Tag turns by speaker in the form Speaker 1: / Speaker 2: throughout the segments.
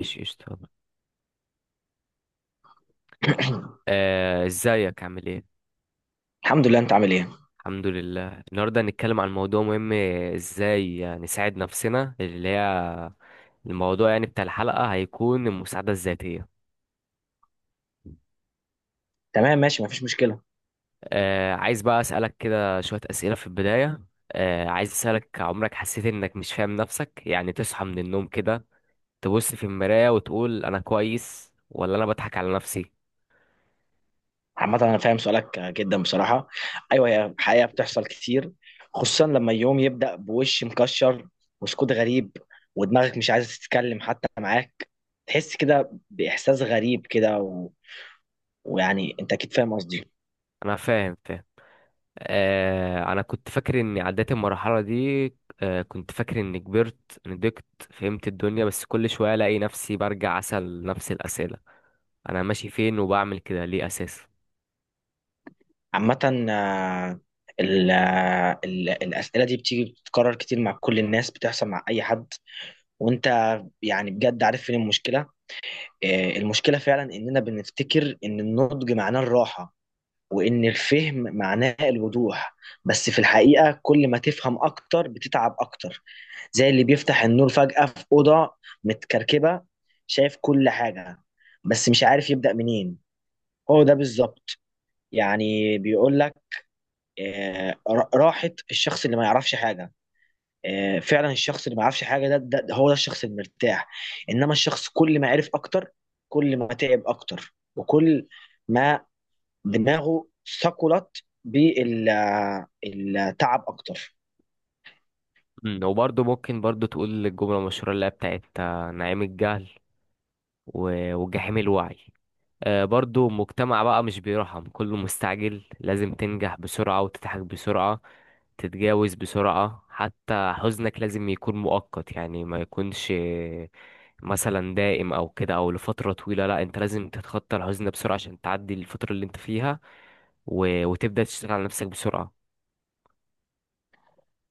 Speaker 1: ماشي قشطة. ازيك عامل ايه؟
Speaker 2: الحمد لله، انت عامل ايه؟
Speaker 1: الحمد لله النهاردة هنتكلم عن موضوع مهم. ازاي يعني نساعد نفسنا اللي هي الموضوع يعني بتاع الحلقة هيكون المساعدة الذاتية.
Speaker 2: تمام ماشي، مفيش مشكله.
Speaker 1: عايز بقى اسألك كده شوية اسئلة في البداية. عايز اسألك عمرك حسيت انك مش فاهم نفسك، يعني تصحى من النوم كده تبص في المراية وتقول انا كويس ولا انا بضحك على نفسي؟
Speaker 2: عامه انا فاهم سؤالك جدا بصراحه. ايوه، هي الحقيقه بتحصل كتير، خصوصا لما يوم يبدا بوش مكشر وسكوت غريب ودماغك مش عايزه تتكلم حتى معاك، تحس كده باحساس غريب كده ويعني انت اكيد فاهم قصدي.
Speaker 1: انا فاهم. آه، انا كنت فاكر اني عديت المرحله دي. آه، كنت فاكر اني كبرت نضجت فهمت الدنيا، بس كل شويه الاقي نفسي برجع اسال نفس الاسئله: انا ماشي فين وبعمل كده ليه اساسا.
Speaker 2: عامه آه، الاسئله دي بتيجي بتتكرر كتير مع كل الناس، بتحصل مع اي حد. وانت يعني بجد عارف فين المشكله. المشكلة فعلا إننا بنفتكر إن النضج معناه الراحة، وإن الفهم معناه الوضوح. بس في الحقيقة كل ما تفهم أكتر بتتعب أكتر، زي اللي بيفتح النور فجأة في أوضة متكركبة، شايف كل حاجة بس مش عارف يبدأ منين. هو ده بالظبط. يعني بيقول لك راحة الشخص اللي ما يعرفش حاجة. فعلا الشخص اللي ما عرفش حاجه ده هو ده الشخص المرتاح. انما الشخص كل ما عرف اكتر، كل ما تعب اكتر، وكل ما دماغه ثقلت بالتعب اكتر.
Speaker 1: وبرضه ممكن برضه تقول الجمله المشهوره اللي هي بتاعت نعيم الجهل و- وجحيم الوعي. آه، برضه مجتمع بقى مش بيرحم، كله مستعجل، لازم تنجح بسرعه وتضحك بسرعه، تتجاوز بسرعة، حتى حزنك لازم يكون مؤقت، يعني ما يكونش مثلا دائم او كده او لفترة طويلة. لا، انت لازم تتخطى الحزن ده بسرعة عشان تعدي الفترة اللي انت فيها و... وتبدأ تشتغل على نفسك بسرعة.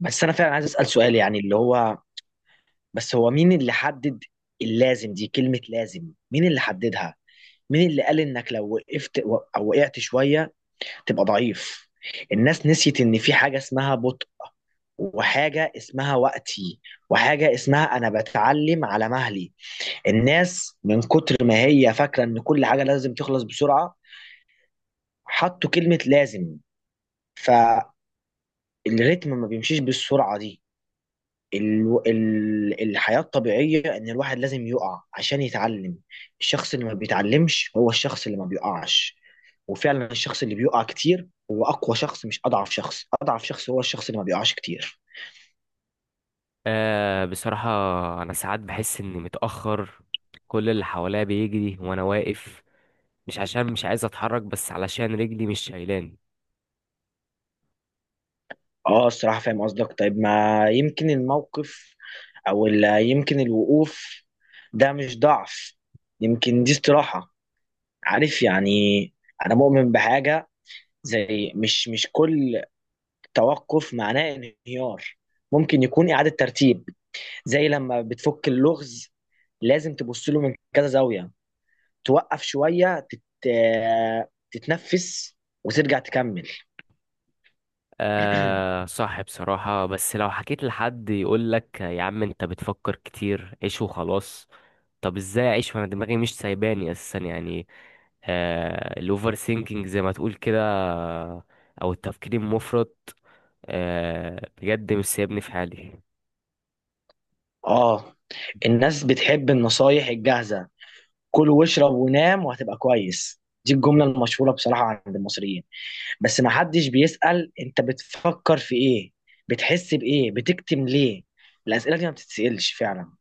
Speaker 2: بس انا فعلا عايز اسال سؤال، يعني اللي هو بس هو مين اللي حدد؟ اللازم دي كلمه لازم، مين اللي حددها؟ مين اللي قال انك لو وقفت او وقعت شويه تبقى ضعيف؟ الناس نسيت ان في حاجه اسمها بطء، وحاجه اسمها وقتي، وحاجه اسمها انا بتعلم على مهلي. الناس من كتر ما هي فاكره ان كل حاجه لازم تخلص بسرعه، حطوا كلمه لازم، فالريتم ما بيمشيش بالسرعه دي. الحياة الطبيعية إن الواحد لازم يقع عشان يتعلم. الشخص اللي ما بيتعلمش هو الشخص اللي ما بيقعش. وفعلا الشخص اللي بيقع كتير هو أقوى شخص، مش أضعف شخص. أضعف شخص هو الشخص اللي ما بيقعش كتير.
Speaker 1: آه، بصراحة انا ساعات بحس اني متأخر، كل اللي حواليا بيجري وانا واقف، مش عشان مش عايز اتحرك بس علشان رجلي مش شايلاني.
Speaker 2: اه الصراحة فاهم قصدك. طيب ما يمكن الموقف يمكن الوقوف ده مش ضعف، يمكن دي استراحة. عارف يعني، أنا مؤمن بحاجة زي مش كل توقف معناه انهيار، ممكن يكون إعادة ترتيب. زي لما بتفك اللغز لازم تبص له من كذا زاوية، توقف شوية تتنفس وترجع تكمل.
Speaker 1: آه، صح بصراحة، بس لو حكيت لحد يقولك يا عم انت بتفكر كتير، عيش وخلاص. طب ازاي اعيش وانا دماغي مش سايباني اساسا؟ يعني آه، الاوفر سينكينج زي ما تقول كده، او التفكير المفرط، آه بجد مش سايبني في حالي.
Speaker 2: آه، الناس بتحب النصايح الجاهزة: كل واشرب ونام وهتبقى كويس. دي الجملة المشهورة بصراحة عند المصريين. بس ما حدش بيسأل انت بتفكر في ايه، بتحس بايه، بتكتم ليه؟ الأسئلة دي ما بتتسألش فعلا.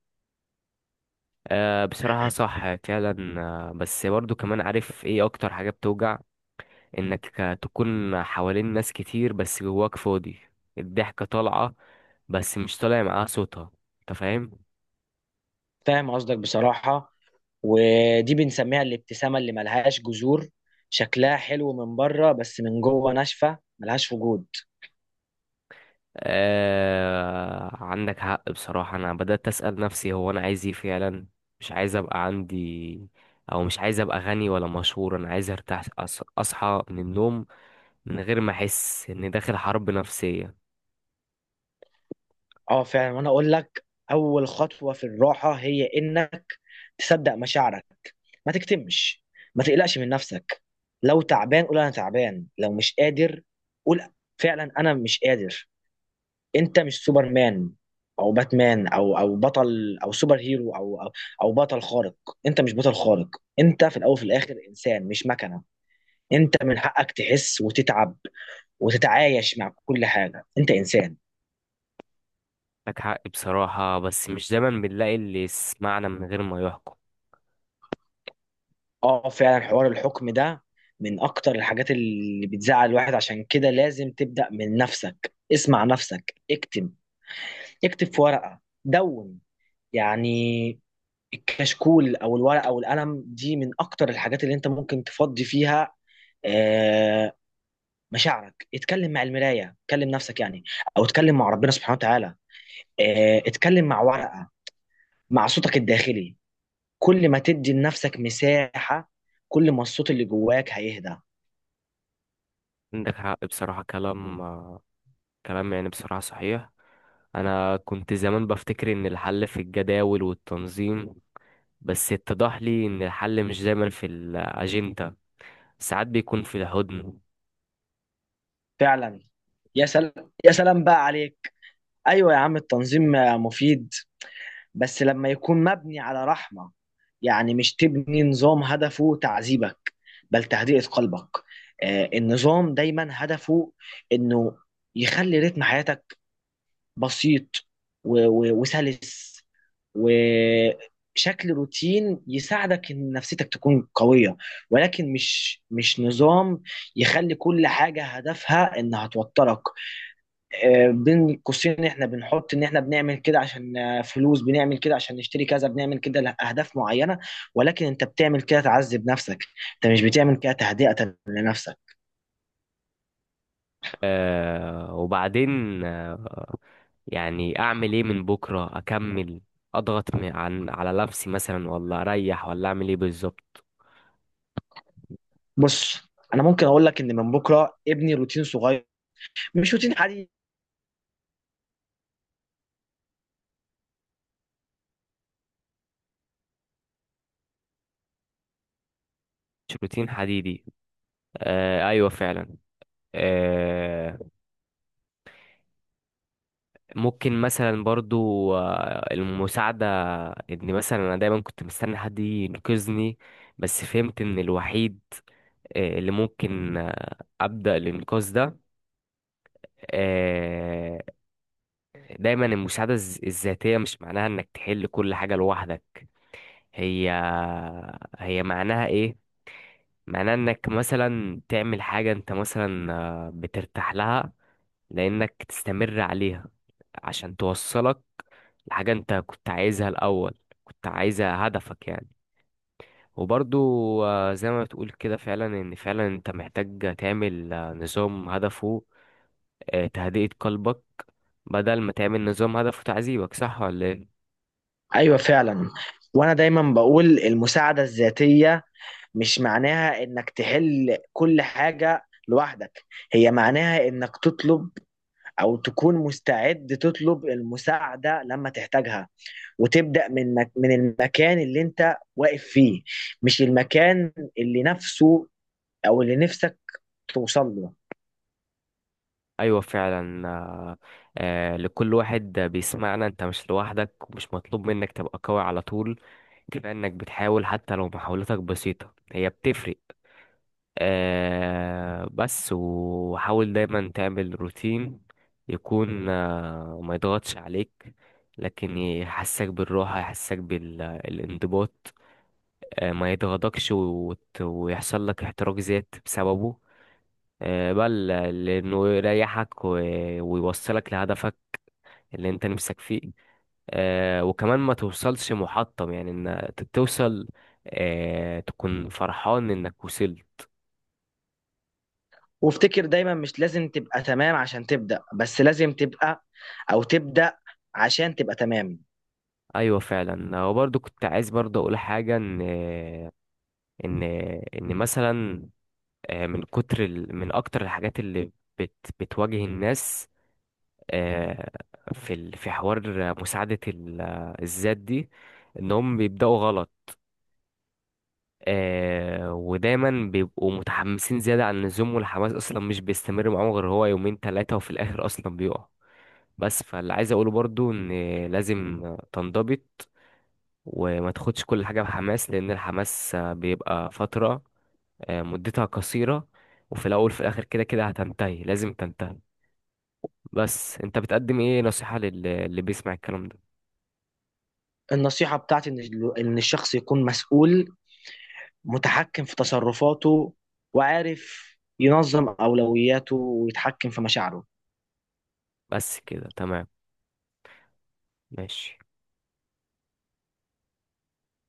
Speaker 1: آه، بصراحة صح فعلا. آه، بس برضو كمان عارف ايه اكتر حاجة بتوجع؟ انك تكون حوالين ناس كتير بس جواك فاضي، الضحكة طالعة بس مش طالع معاها صوتها، انت فاهم.
Speaker 2: فاهم قصدك بصراحة. ودي بنسميها الابتسامة اللي ملهاش جذور، شكلها حلو من بره بس من جوه ناشفة ملهاش وجود.
Speaker 1: آه، عندك حق بصراحة. أنا بدأت أسأل نفسي هو أنا عايز إيه فعلا؟ مش عايز أبقى عندي، أو مش عايز أبقى غني ولا مشهور، أنا عايز أرتاح، أص- أصحى من النوم من غير ما أحس إني داخل حرب نفسية.
Speaker 2: اه فعلا، وانا اقول لك اول خطوة في الراحة هي انك تصدق مشاعرك، ما تكتمش، ما تقلقش من نفسك. لو تعبان قول انا تعبان، لو مش قادر قول فعلا انا مش قادر. انت مش سوبرمان او باتمان او بطل او سوبر هيرو أو بطل خارق. انت مش بطل خارق، انت في الاول وفي الاخر انسان مش مكنة. انت من حقك تحس وتتعب وتتعايش مع كل حاجه، انت انسان.
Speaker 1: عندك حق بصراحة، بس مش دايما بنلاقي اللي يسمعنا من غير ما يحكم.
Speaker 2: اه فعلا، حوار الحكم ده من اكتر الحاجات اللي بتزعل الواحد، عشان كده لازم تبدا من نفسك. اسمع نفسك، اكتب، اكتب في ورقه دون يعني. الكشكول او الورقه او القلم دي من اكتر الحاجات اللي انت ممكن تفضي فيها آه، مشاعرك. اتكلم مع المرايه، اتكلم نفسك يعني، او اتكلم مع ربنا سبحانه وتعالى، اتكلم مع ورقه، مع صوتك الداخلي. كل ما تدي لنفسك مساحة، كل ما الصوت اللي جواك هيهدى.
Speaker 1: عندك حق بصراحة، كلام كلام يعني بصراحة صحيح. أنا كنت زمان بفتكر إن الحل في الجداول والتنظيم، بس اتضح لي إن الحل مش دايما في الأجندة، ساعات بيكون في الهدن.
Speaker 2: فعلا. يا سلام يا سلام بقى عليك. ايوه يا عم التنظيم مفيد، بس لما يكون مبني على رحمة. يعني مش تبني نظام هدفه تعذيبك، بل تهدئة قلبك. النظام دايما هدفه انه يخلي رتم حياتك بسيط و- و- وسلس، وشكل روتين يساعدك ان نفسيتك تكون قوية. ولكن مش نظام يخلي كل حاجة هدفها انها توترك. بين قوسين احنا بنحط ان احنا بنعمل كده عشان فلوس، بنعمل كده عشان نشتري كذا، بنعمل كده لأهداف معينة. ولكن انت بتعمل كده تعذب نفسك، انت مش بتعمل كده تهدئة لنفسك.
Speaker 1: آه، وبعدين آه، يعني اعمل ايه؟ من بكره اكمل، اضغط م- عن على نفسي مثلا، ولا اريح، ولا اعمل ايه بالظبط؟
Speaker 2: بص، انا ممكن اقول لك ان من بكره ابني روتين صغير، مش روتين حديث.
Speaker 1: مش روتين حديدي. آه، ايوه فعلا. آه، ممكن مثلا برضو آه، المساعده. ان مثلا انا دايما كنت مستني حد ينقذني، بس فهمت ان الوحيد آه، اللي ممكن آه، ابدا الانقاذ ده. آه، دايما المساعدة الذ- الذاتية مش معناها انك تحل كل حاجة لوحدك. هي هي معناها ايه؟ معناها انك مثلا تعمل حاجة انت مثلا بترتاح لها لانك تستمر عليها عشان توصلك لحاجة انت كنت عايزها الاول، كنت عايزها هدفك يعني. وبرضو زي ما بتقول كده فعلا ان فعلا انت محتاج تعمل نظام هدفه تهدئة قلبك، بدل ما تعمل نظام هدفه تعذيبك، صح ولا ايه؟
Speaker 2: ايوه فعلا، وانا دايما بقول المساعده الذاتيه مش معناها انك تحل كل حاجه لوحدك، هي معناها انك تطلب او تكون مستعد تطلب المساعده لما تحتاجها، وتبدا من من المكان اللي انت واقف فيه، مش المكان اللي نفسه او اللي نفسك توصل له.
Speaker 1: ايوه فعلا. لكل واحد بيسمعنا، انت مش لوحدك ومش مطلوب منك تبقى قوي على طول، كفايه انك بتحاول، حتى لو محاولتك بسيطه هي بتفرق. آه، بس وحاول دايما تعمل روتين يكون آه، ما يضغطش عليك، لكن يحسك بالراحه يحسك بالانضباط، آه، ما يضغطكش وت- ويحصل لك احتراق ذات بسببه، بل لأنه يريحك و- ويوصلك لهدفك اللي انت نفسك فيه. آه، وكمان ما توصلش محطم، يعني توصل آه، تكون فرحان انك وصلت.
Speaker 2: وافتكر دايما مش لازم تبقى تمام عشان تبدا، بس لازم تبقى او تبدا عشان تبقى تمام.
Speaker 1: ايوه فعلا، وبرضه كنت عايز برضه اقول حاجه، ان ان مثلا من اكتر الحاجات اللي بت... بتواجه الناس آه، في حوار مساعده الذات دي، انهم بيبداوا غلط. آه، ودايما بيبقوا متحمسين زيادة عن اللزوم، والحماس أصلا مش بيستمر معاهم غير هو يومين تلاتة وفي الآخر أصلا بيقع. بس فاللي عايز أقوله برضو إن لازم تنضبط وما تاخدش كل حاجة بحماس، لأن الحماس بيبقى فترة مدتها قصيرة، وفي الأول في الآخر كده كده هتنتهي، لازم تنتهي. بس أنت بتقدم إيه نصيحة اللي بيسمع الكلام ده؟
Speaker 2: النصيحة بتاعتي إن إن الشخص يكون مسؤول، متحكم في تصرفاته، وعارف ينظم أولوياته ويتحكم في مشاعره.
Speaker 1: بس كده تمام، ماشي.